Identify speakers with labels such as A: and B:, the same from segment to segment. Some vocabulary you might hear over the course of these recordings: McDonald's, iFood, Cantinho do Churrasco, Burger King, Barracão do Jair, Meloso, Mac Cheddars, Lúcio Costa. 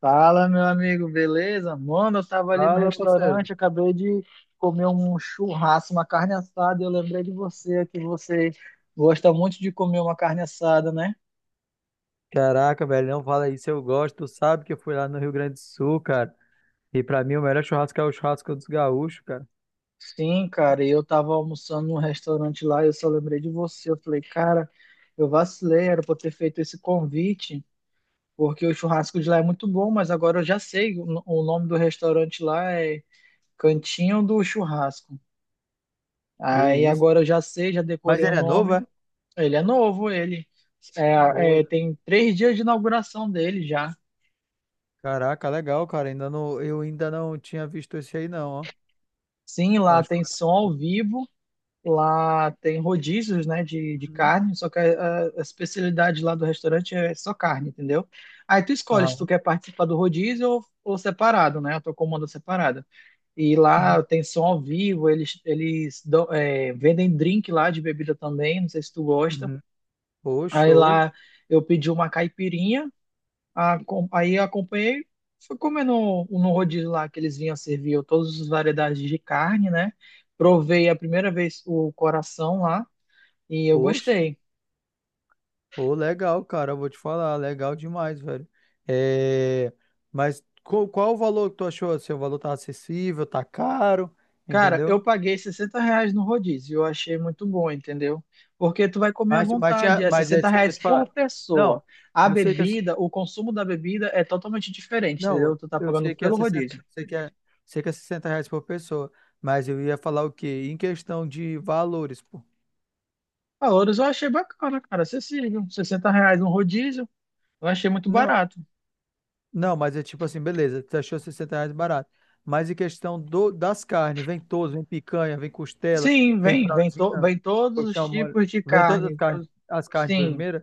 A: Fala, meu amigo, beleza? Mano, eu tava ali no
B: Fala, parceiro.
A: restaurante, acabei de comer um churrasco, uma carne assada, e eu lembrei de você, que você gosta muito de comer uma carne assada, né?
B: Caraca, velho, não fala isso, eu gosto. Tu sabe que eu fui lá no Rio Grande do Sul, cara. E pra mim o melhor churrasco é o churrasco dos gaúchos, cara.
A: Sim, cara, e eu tava almoçando num restaurante lá, e eu só lembrei de você. Eu falei, cara, eu vacilei, era pra eu ter feito esse convite, porque o churrasco de lá é muito bom, mas agora eu já sei, o no- o nome do restaurante lá é Cantinho do Churrasco.
B: Que
A: Aí
B: isso.
A: agora eu já sei, já
B: Mas
A: decorei o
B: ele é novo,
A: nome.
B: é?
A: Ele é novo, ele
B: Oi.
A: tem 3 dias de inauguração dele já.
B: Caraca, legal, cara. Ainda não, eu ainda não tinha visto esse aí, não, ó.
A: Sim, lá
B: Mas.
A: tem som ao vivo, lá tem rodízios, né, de
B: Uhum.
A: carne, só que a especialidade lá do restaurante é só carne, entendeu? Aí tu escolhe se tu
B: Ah,
A: quer participar do rodízio ou separado, né, a tua comanda separada. E
B: uhum.
A: lá tem som ao vivo, eles vendem drink lá de bebida também, não sei se tu gosta.
B: Uhum. Ô,
A: Aí
B: show.
A: lá eu pedi uma caipirinha. Aí eu acompanhei, fui comer no rodízio lá que eles vinham servir eu todas as variedades de carne, né? Provei a primeira vez o coração lá e eu
B: Poxa,
A: gostei.
B: ô, legal, cara. Eu vou te falar, legal demais, velho. É... Mas qual o valor que tu achou? Assim, o valor tá acessível, tá caro,
A: Cara,
B: entendeu?
A: eu paguei R$ 60 no rodízio, eu achei muito bom, entendeu? Porque tu vai comer à
B: Mas, mas,
A: vontade,
B: tinha,
A: é
B: mas é
A: 60
B: isso que eu ia
A: reais
B: te
A: por
B: falar. Não,
A: pessoa. A
B: eu sei que.
A: bebida, o consumo da bebida é totalmente diferente, entendeu?
B: Não,
A: Tu tá
B: eu
A: pagando
B: sei que é
A: pelo
B: 60,
A: rodízio.
B: sei que é R$ 60 por pessoa. Mas eu ia falar o quê? Em questão de valores, pô.
A: Valores eu achei bacana, cara, acessível. R$ 60 no rodízio, eu achei muito
B: Não,
A: barato.
B: não, mas é tipo assim, beleza, tu achou R$ 60 barato. Mas em questão das carnes, vem todos, vem picanha, vem costela,
A: Sim,
B: vem
A: vem, vem, to,
B: fraldinha,
A: vem todos os
B: colchão mole,
A: tipos de
B: vem todas
A: carne. Tu-
B: as carnes de
A: Sim,
B: primeira,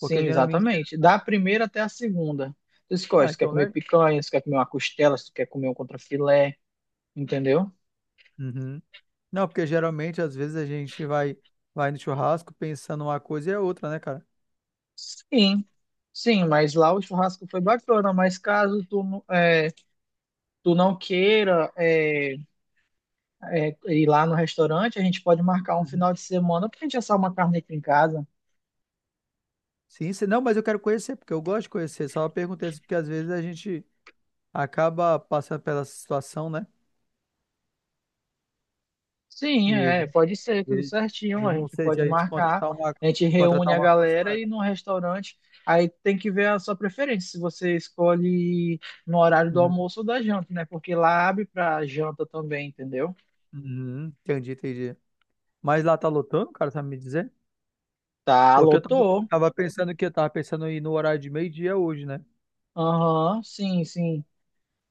B: porque geralmente.
A: exatamente.
B: Ah,
A: Da primeira até a segunda. Tu escolhe,
B: ah,
A: se tu quer
B: então,
A: comer
B: né?
A: picanha, se tu quer comer uma costela, se tu quer comer um contrafilé, entendeu?
B: Uhum. Não, porque geralmente, às vezes, a gente vai no churrasco pensando uma coisa e é outra, né, cara?
A: Sim, sim, mas lá o churrasco foi bacana, mas caso tu, tu não queira ir lá no restaurante, a gente pode marcar um
B: Uhum.
A: final de semana pra gente assar uma carne aqui em casa.
B: Sim, se não, mas eu quero conhecer, porque eu gosto de conhecer. Só perguntei assim, porque às vezes a gente acaba passando pela situação, né?
A: Sim,
B: De,
A: é,
B: de,
A: pode ser, tudo
B: de,
A: certinho.
B: de
A: A
B: não
A: gente
B: sei, de
A: pode
B: a gente
A: marcar,
B: contratar uma,
A: a gente
B: de
A: reúne
B: contratar
A: a
B: uma coisa,
A: galera
B: né?
A: e no restaurante. Aí tem que ver a sua preferência, se você escolhe no horário do
B: Uhum,
A: almoço ou da janta, né? Porque lá abre pra janta também, entendeu?
B: uhum, entendi, entendi. Mas lá tá lotando, cara, sabe me dizer?
A: Tá,
B: Porque eu tava,
A: lotou.
B: eu tava pensando que eu tava pensando em ir no horário de meio-dia hoje, né?
A: Aham, sim, sim,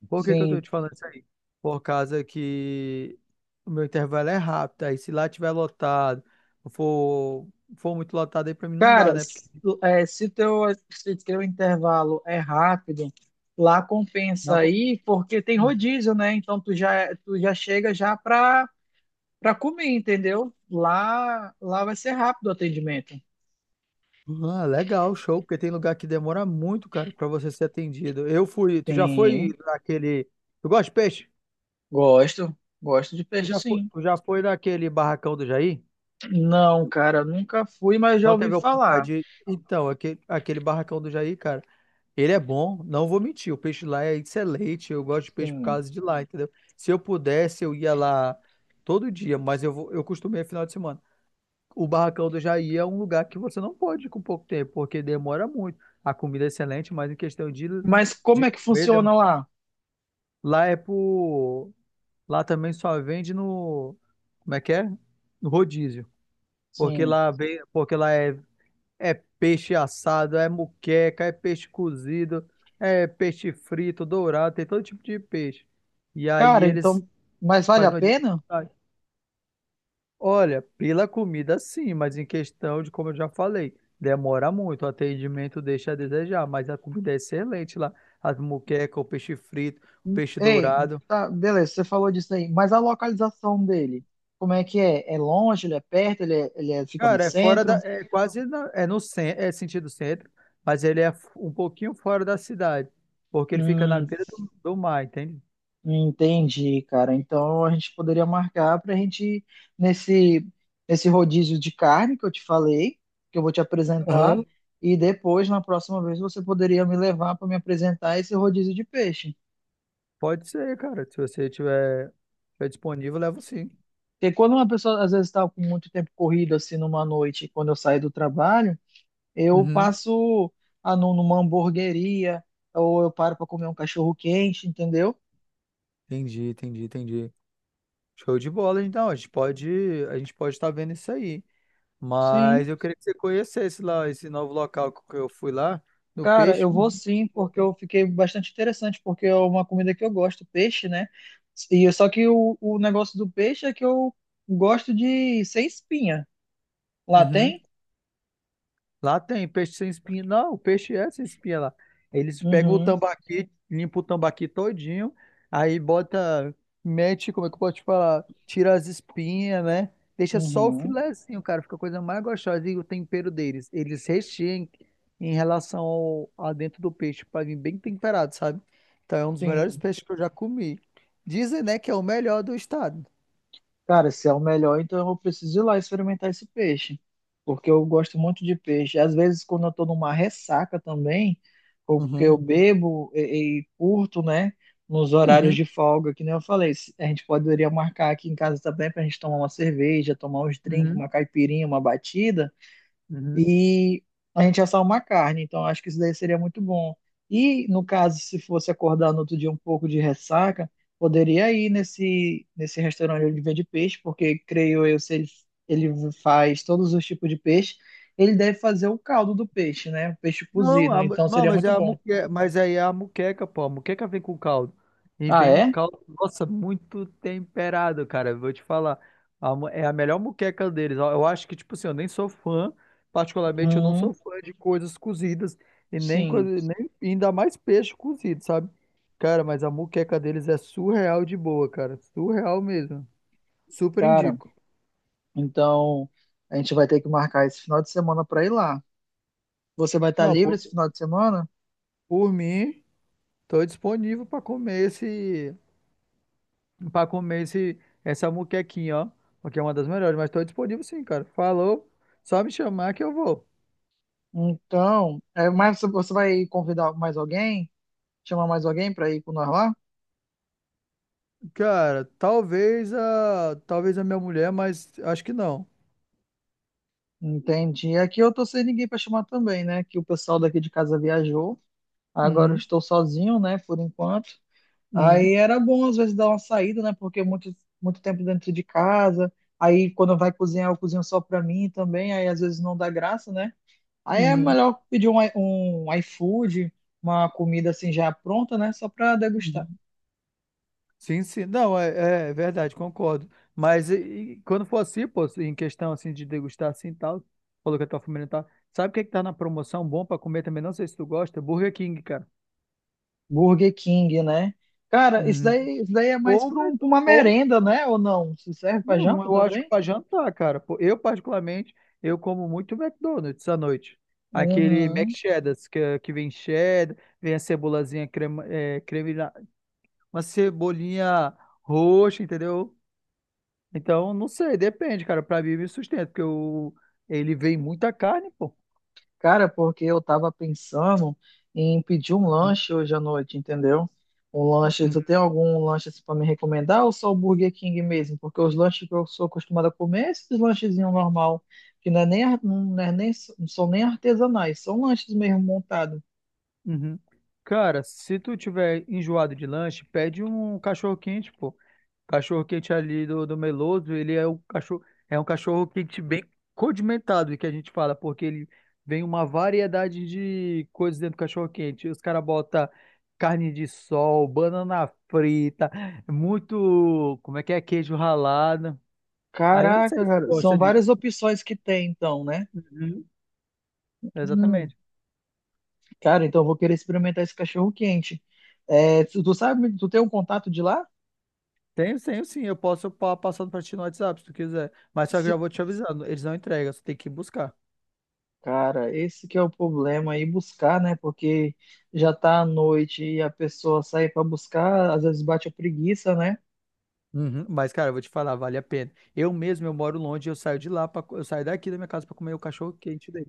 B: Por que que eu tô
A: sim.
B: te falando isso aí? Por causa que o meu intervalo é rápido, aí se lá tiver lotado, for, for muito lotado aí pra mim não dá,
A: Cara,
B: né? Porque
A: se teu intervalo é rápido, lá compensa
B: não.
A: aí, porque tem
B: Hum.
A: rodízio, né? Então tu já, tu já chega já pra para comer, entendeu? Lá vai ser rápido o atendimento.
B: Ah, legal, show, porque tem lugar que demora muito, cara, pra você ser atendido. Eu fui, tu já foi
A: Sim,
B: naquele. Tu gosta de peixe?
A: gosto. Gosto de
B: Tu
A: peixe,
B: já foi,
A: sim.
B: tu já foi naquele barracão do Jair?
A: Não, cara, nunca fui, mas já
B: Não
A: ouvi
B: teve a oportunidade
A: falar.
B: de. Então, aquele barracão do Jair, cara, ele é bom, não vou mentir. O peixe lá é excelente. Eu gosto de peixe por
A: Sim.
B: causa de lá, entendeu? Se eu pudesse, eu ia lá todo dia, mas eu vou, eu costumei final de semana. O Barracão do Jair é um lugar que você não pode ir com pouco tempo, porque demora muito. A comida é excelente, mas em questão de,
A: Mas como
B: de
A: é que
B: comida,
A: funciona lá?
B: lá é por. Lá também só vende no. Como é que é? No rodízio. Porque
A: Sim.
B: lá, vem, porque lá é peixe assado, é muqueca, é peixe cozido, é peixe frito, dourado, tem todo tipo de peixe. E aí
A: Cara,
B: eles
A: então, mas vale a
B: fazem uma
A: pena?
B: dificuldade. Olha, pela comida sim, mas em questão de, como eu já falei, demora muito, o atendimento deixa a desejar, mas a comida é excelente lá. As muquecas, o peixe frito, o peixe
A: Ei,
B: dourado.
A: tá, beleza, você falou disso aí, mas a localização dele, como é que é? É longe, ele é perto, ele, fica no
B: Cara, é fora da.
A: centro?
B: É quase. Na- é no cen- é sentido centro, mas ele é um pouquinho fora da cidade, porque ele fica na
A: Hum,
B: beira do mar, entende?
A: Entendi, cara. Então a gente poderia marcar para a gente ir nesse nesse rodízio de carne que eu te falei, que eu vou te apresentar, e depois na próxima vez você poderia me levar para me apresentar esse rodízio de peixe.
B: Pode ser, cara. Se você tiver disponível, levo sim.
A: Porque quando uma pessoa às vezes está com muito tempo corrido assim numa noite, quando eu saio do trabalho, eu
B: Uhum.
A: passo numa hamburgueria ou eu paro para comer um cachorro quente, entendeu?
B: Entendi, entendi, entendi. Show de bola, então. A gente pode estar vendo isso aí.
A: Sim.
B: Mas eu queria que você conhecesse lá esse novo local que eu fui lá, no
A: Cara,
B: Peixe.
A: eu vou
B: Muito
A: sim,
B: bom,
A: porque
B: cara.
A: eu fiquei bastante interessante, porque é uma comida que eu gosto, peixe, né? E é só que o negócio do peixe é que eu gosto de sem espinha. Lá
B: Uhum.
A: tem?
B: Lá tem peixe sem espinha. Não, o peixe é sem espinha lá. Eles pegam o
A: Uhum,
B: tambaqui, limpam o tambaqui todinho, aí bota, mete, como é que eu posso te falar? Tira as espinhas, né? Deixa só o
A: uhum.
B: filezinho, cara. Fica a coisa mais gostosa. E o tempero deles. Eles recheiam em relação a dentro do peixe, pra vir bem temperado, sabe? Então é um dos melhores
A: Sim.
B: peixes que eu já comi. Dizem, né, que é o melhor do estado.
A: Cara, se é o melhor, então eu preciso ir lá experimentar esse peixe, porque eu gosto muito de peixe. Às vezes, quando eu tô numa ressaca também, ou porque eu
B: Uhum.
A: bebo e curto, né, nos horários
B: Uhum.
A: de folga, que nem eu falei, a gente poderia marcar aqui em casa também pra gente tomar uma cerveja, tomar uns drinks,
B: Uhum.
A: uma caipirinha, uma batida
B: Uhum.
A: e a gente assar uma carne. Então, acho que isso daí seria muito bom. E, no caso, se fosse acordar no outro dia um pouco de ressaca, poderia ir nesse restaurante onde vende peixe, porque, creio eu, se ele, ele faz todos os tipos de peixe, ele deve fazer o caldo do peixe, né? O peixe
B: Não,
A: cozido. Então,
B: não,
A: seria muito bom.
B: mas aí é a muqueca, pô. A muqueca vem com caldo. E
A: Ah,
B: vem um
A: é?
B: caldo, nossa, muito temperado, cara. Eu vou te falar. É a melhor muqueca deles, ó. Eu acho que, tipo assim, eu nem sou fã. Particularmente, eu não
A: Hum,
B: sou fã de coisas cozidas. E nem, coisa,
A: sim,
B: nem ainda mais peixe cozido, sabe? Cara, mas a muqueca deles é surreal de boa, cara. Surreal mesmo. Super
A: cara.
B: indico.
A: Então, a gente vai ter que marcar esse final de semana para ir lá. Você vai estar
B: Não,
A: livre
B: por,
A: esse final de semana?
B: por mim, tô disponível pra comer esse. Pra comer esse, essa muquequinha, ó. Porque é uma das melhores, mas tô disponível sim, cara. Falou, só me chamar que eu vou.
A: Então, é, mas você vai convidar mais alguém? Chamar mais alguém para ir com nós lá?
B: Cara, talvez a minha mulher, mas acho que não.
A: Entendi. Aqui eu tô sem ninguém para chamar também, né? Que o pessoal daqui de casa viajou. Agora eu
B: Uhum,
A: estou sozinho, né? Por enquanto.
B: uhum,
A: Aí era bom às vezes dar uma saída, né? Porque muito muito tempo dentro de casa. Aí quando vai cozinhar, eu cozinho só para mim também. Aí às vezes não dá graça, né? Aí é
B: uhum,
A: melhor pedir um iFood, uma comida assim já pronta, né? Só para degustar.
B: uhum. Sim, sim. Não, é verdade, concordo. Mas e quando for assim, pô, em questão assim de degustar assim e tal, falou que a tua família tá. Sabe o que é que tá na promoção bom pra comer também? Não sei se tu gosta, Burger King, cara.
A: Burger King, né? Cara,
B: Uhum.
A: isso daí é mais
B: Ou,
A: para
B: Mc-
A: uma
B: ou,
A: merenda, né? Ou não? Se serve para
B: não,
A: janta
B: eu acho que
A: também?
B: para jantar, cara. Pô, eu, particularmente, eu como muito McDonald's à noite. Aquele Mac
A: Uhum.
B: Cheddars, que vem cheddar, vem a cebolazinha crema, é, creme, uma cebolinha roxa, entendeu? Então, não sei, depende, cara. Pra mim, me sustenta, porque eu, ele vem muita carne, pô.
A: Cara, porque eu tava pensando em pedir um
B: Uhum,
A: lanche hoje à noite, entendeu? Um lanche, tu tem
B: uhum,
A: algum lanche assim, para me recomendar ou só o Burger King mesmo? Porque os lanches que eu sou acostumado a comer, é esses lanchezinhos normal, que não é nem, não são nem artesanais, são lanches mesmo montados.
B: uhum. Cara, se tu tiver enjoado de lanche, pede um cachorro quente, pô. Cachorro quente ali do Meloso, ele é um cachorro quente bem condimentado, que a gente fala, porque ele vem uma variedade de coisas dentro do cachorro quente. Os caras botam carne de sol, banana frita, muito, como é que é, queijo ralado. Aí eu não sei
A: Caraca,
B: se tu
A: cara, são
B: gosta
A: várias
B: disso.
A: opções que tem então, né?
B: Uhum, exatamente.
A: Cara, então eu vou querer experimentar esse cachorro quente. É, tu sabe, tu tem um contato de lá?
B: Tenho, tenho sim, eu posso passar para ti no WhatsApp se tu quiser. Mas só que eu já
A: Se-
B: vou te avisando, eles não entregam, você tem que ir buscar.
A: Cara, esse que é o problema aí buscar, né? Porque já tá à noite e a pessoa sai pra buscar, às vezes bate a preguiça, né?
B: Uhum, mas, cara, eu vou te falar, vale a pena. Eu mesmo, eu moro longe, eu saio de lá, eu saio daqui da minha casa pra comer o cachorro quente dele.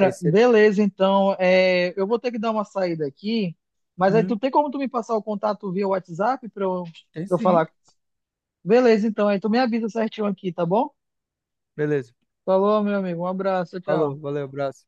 B: E aí você.
A: beleza, então é, eu vou ter que dar uma saída aqui, mas aí tu
B: Uhum,
A: tem como tu me passar o contato via WhatsApp pra eu,
B: tem
A: pra eu
B: sim.
A: falar? Beleza, então aí tu me avisa certinho aqui, tá bom?
B: Beleza.
A: Falou, meu amigo, um abraço, tchau.
B: Falou, valeu, abraço.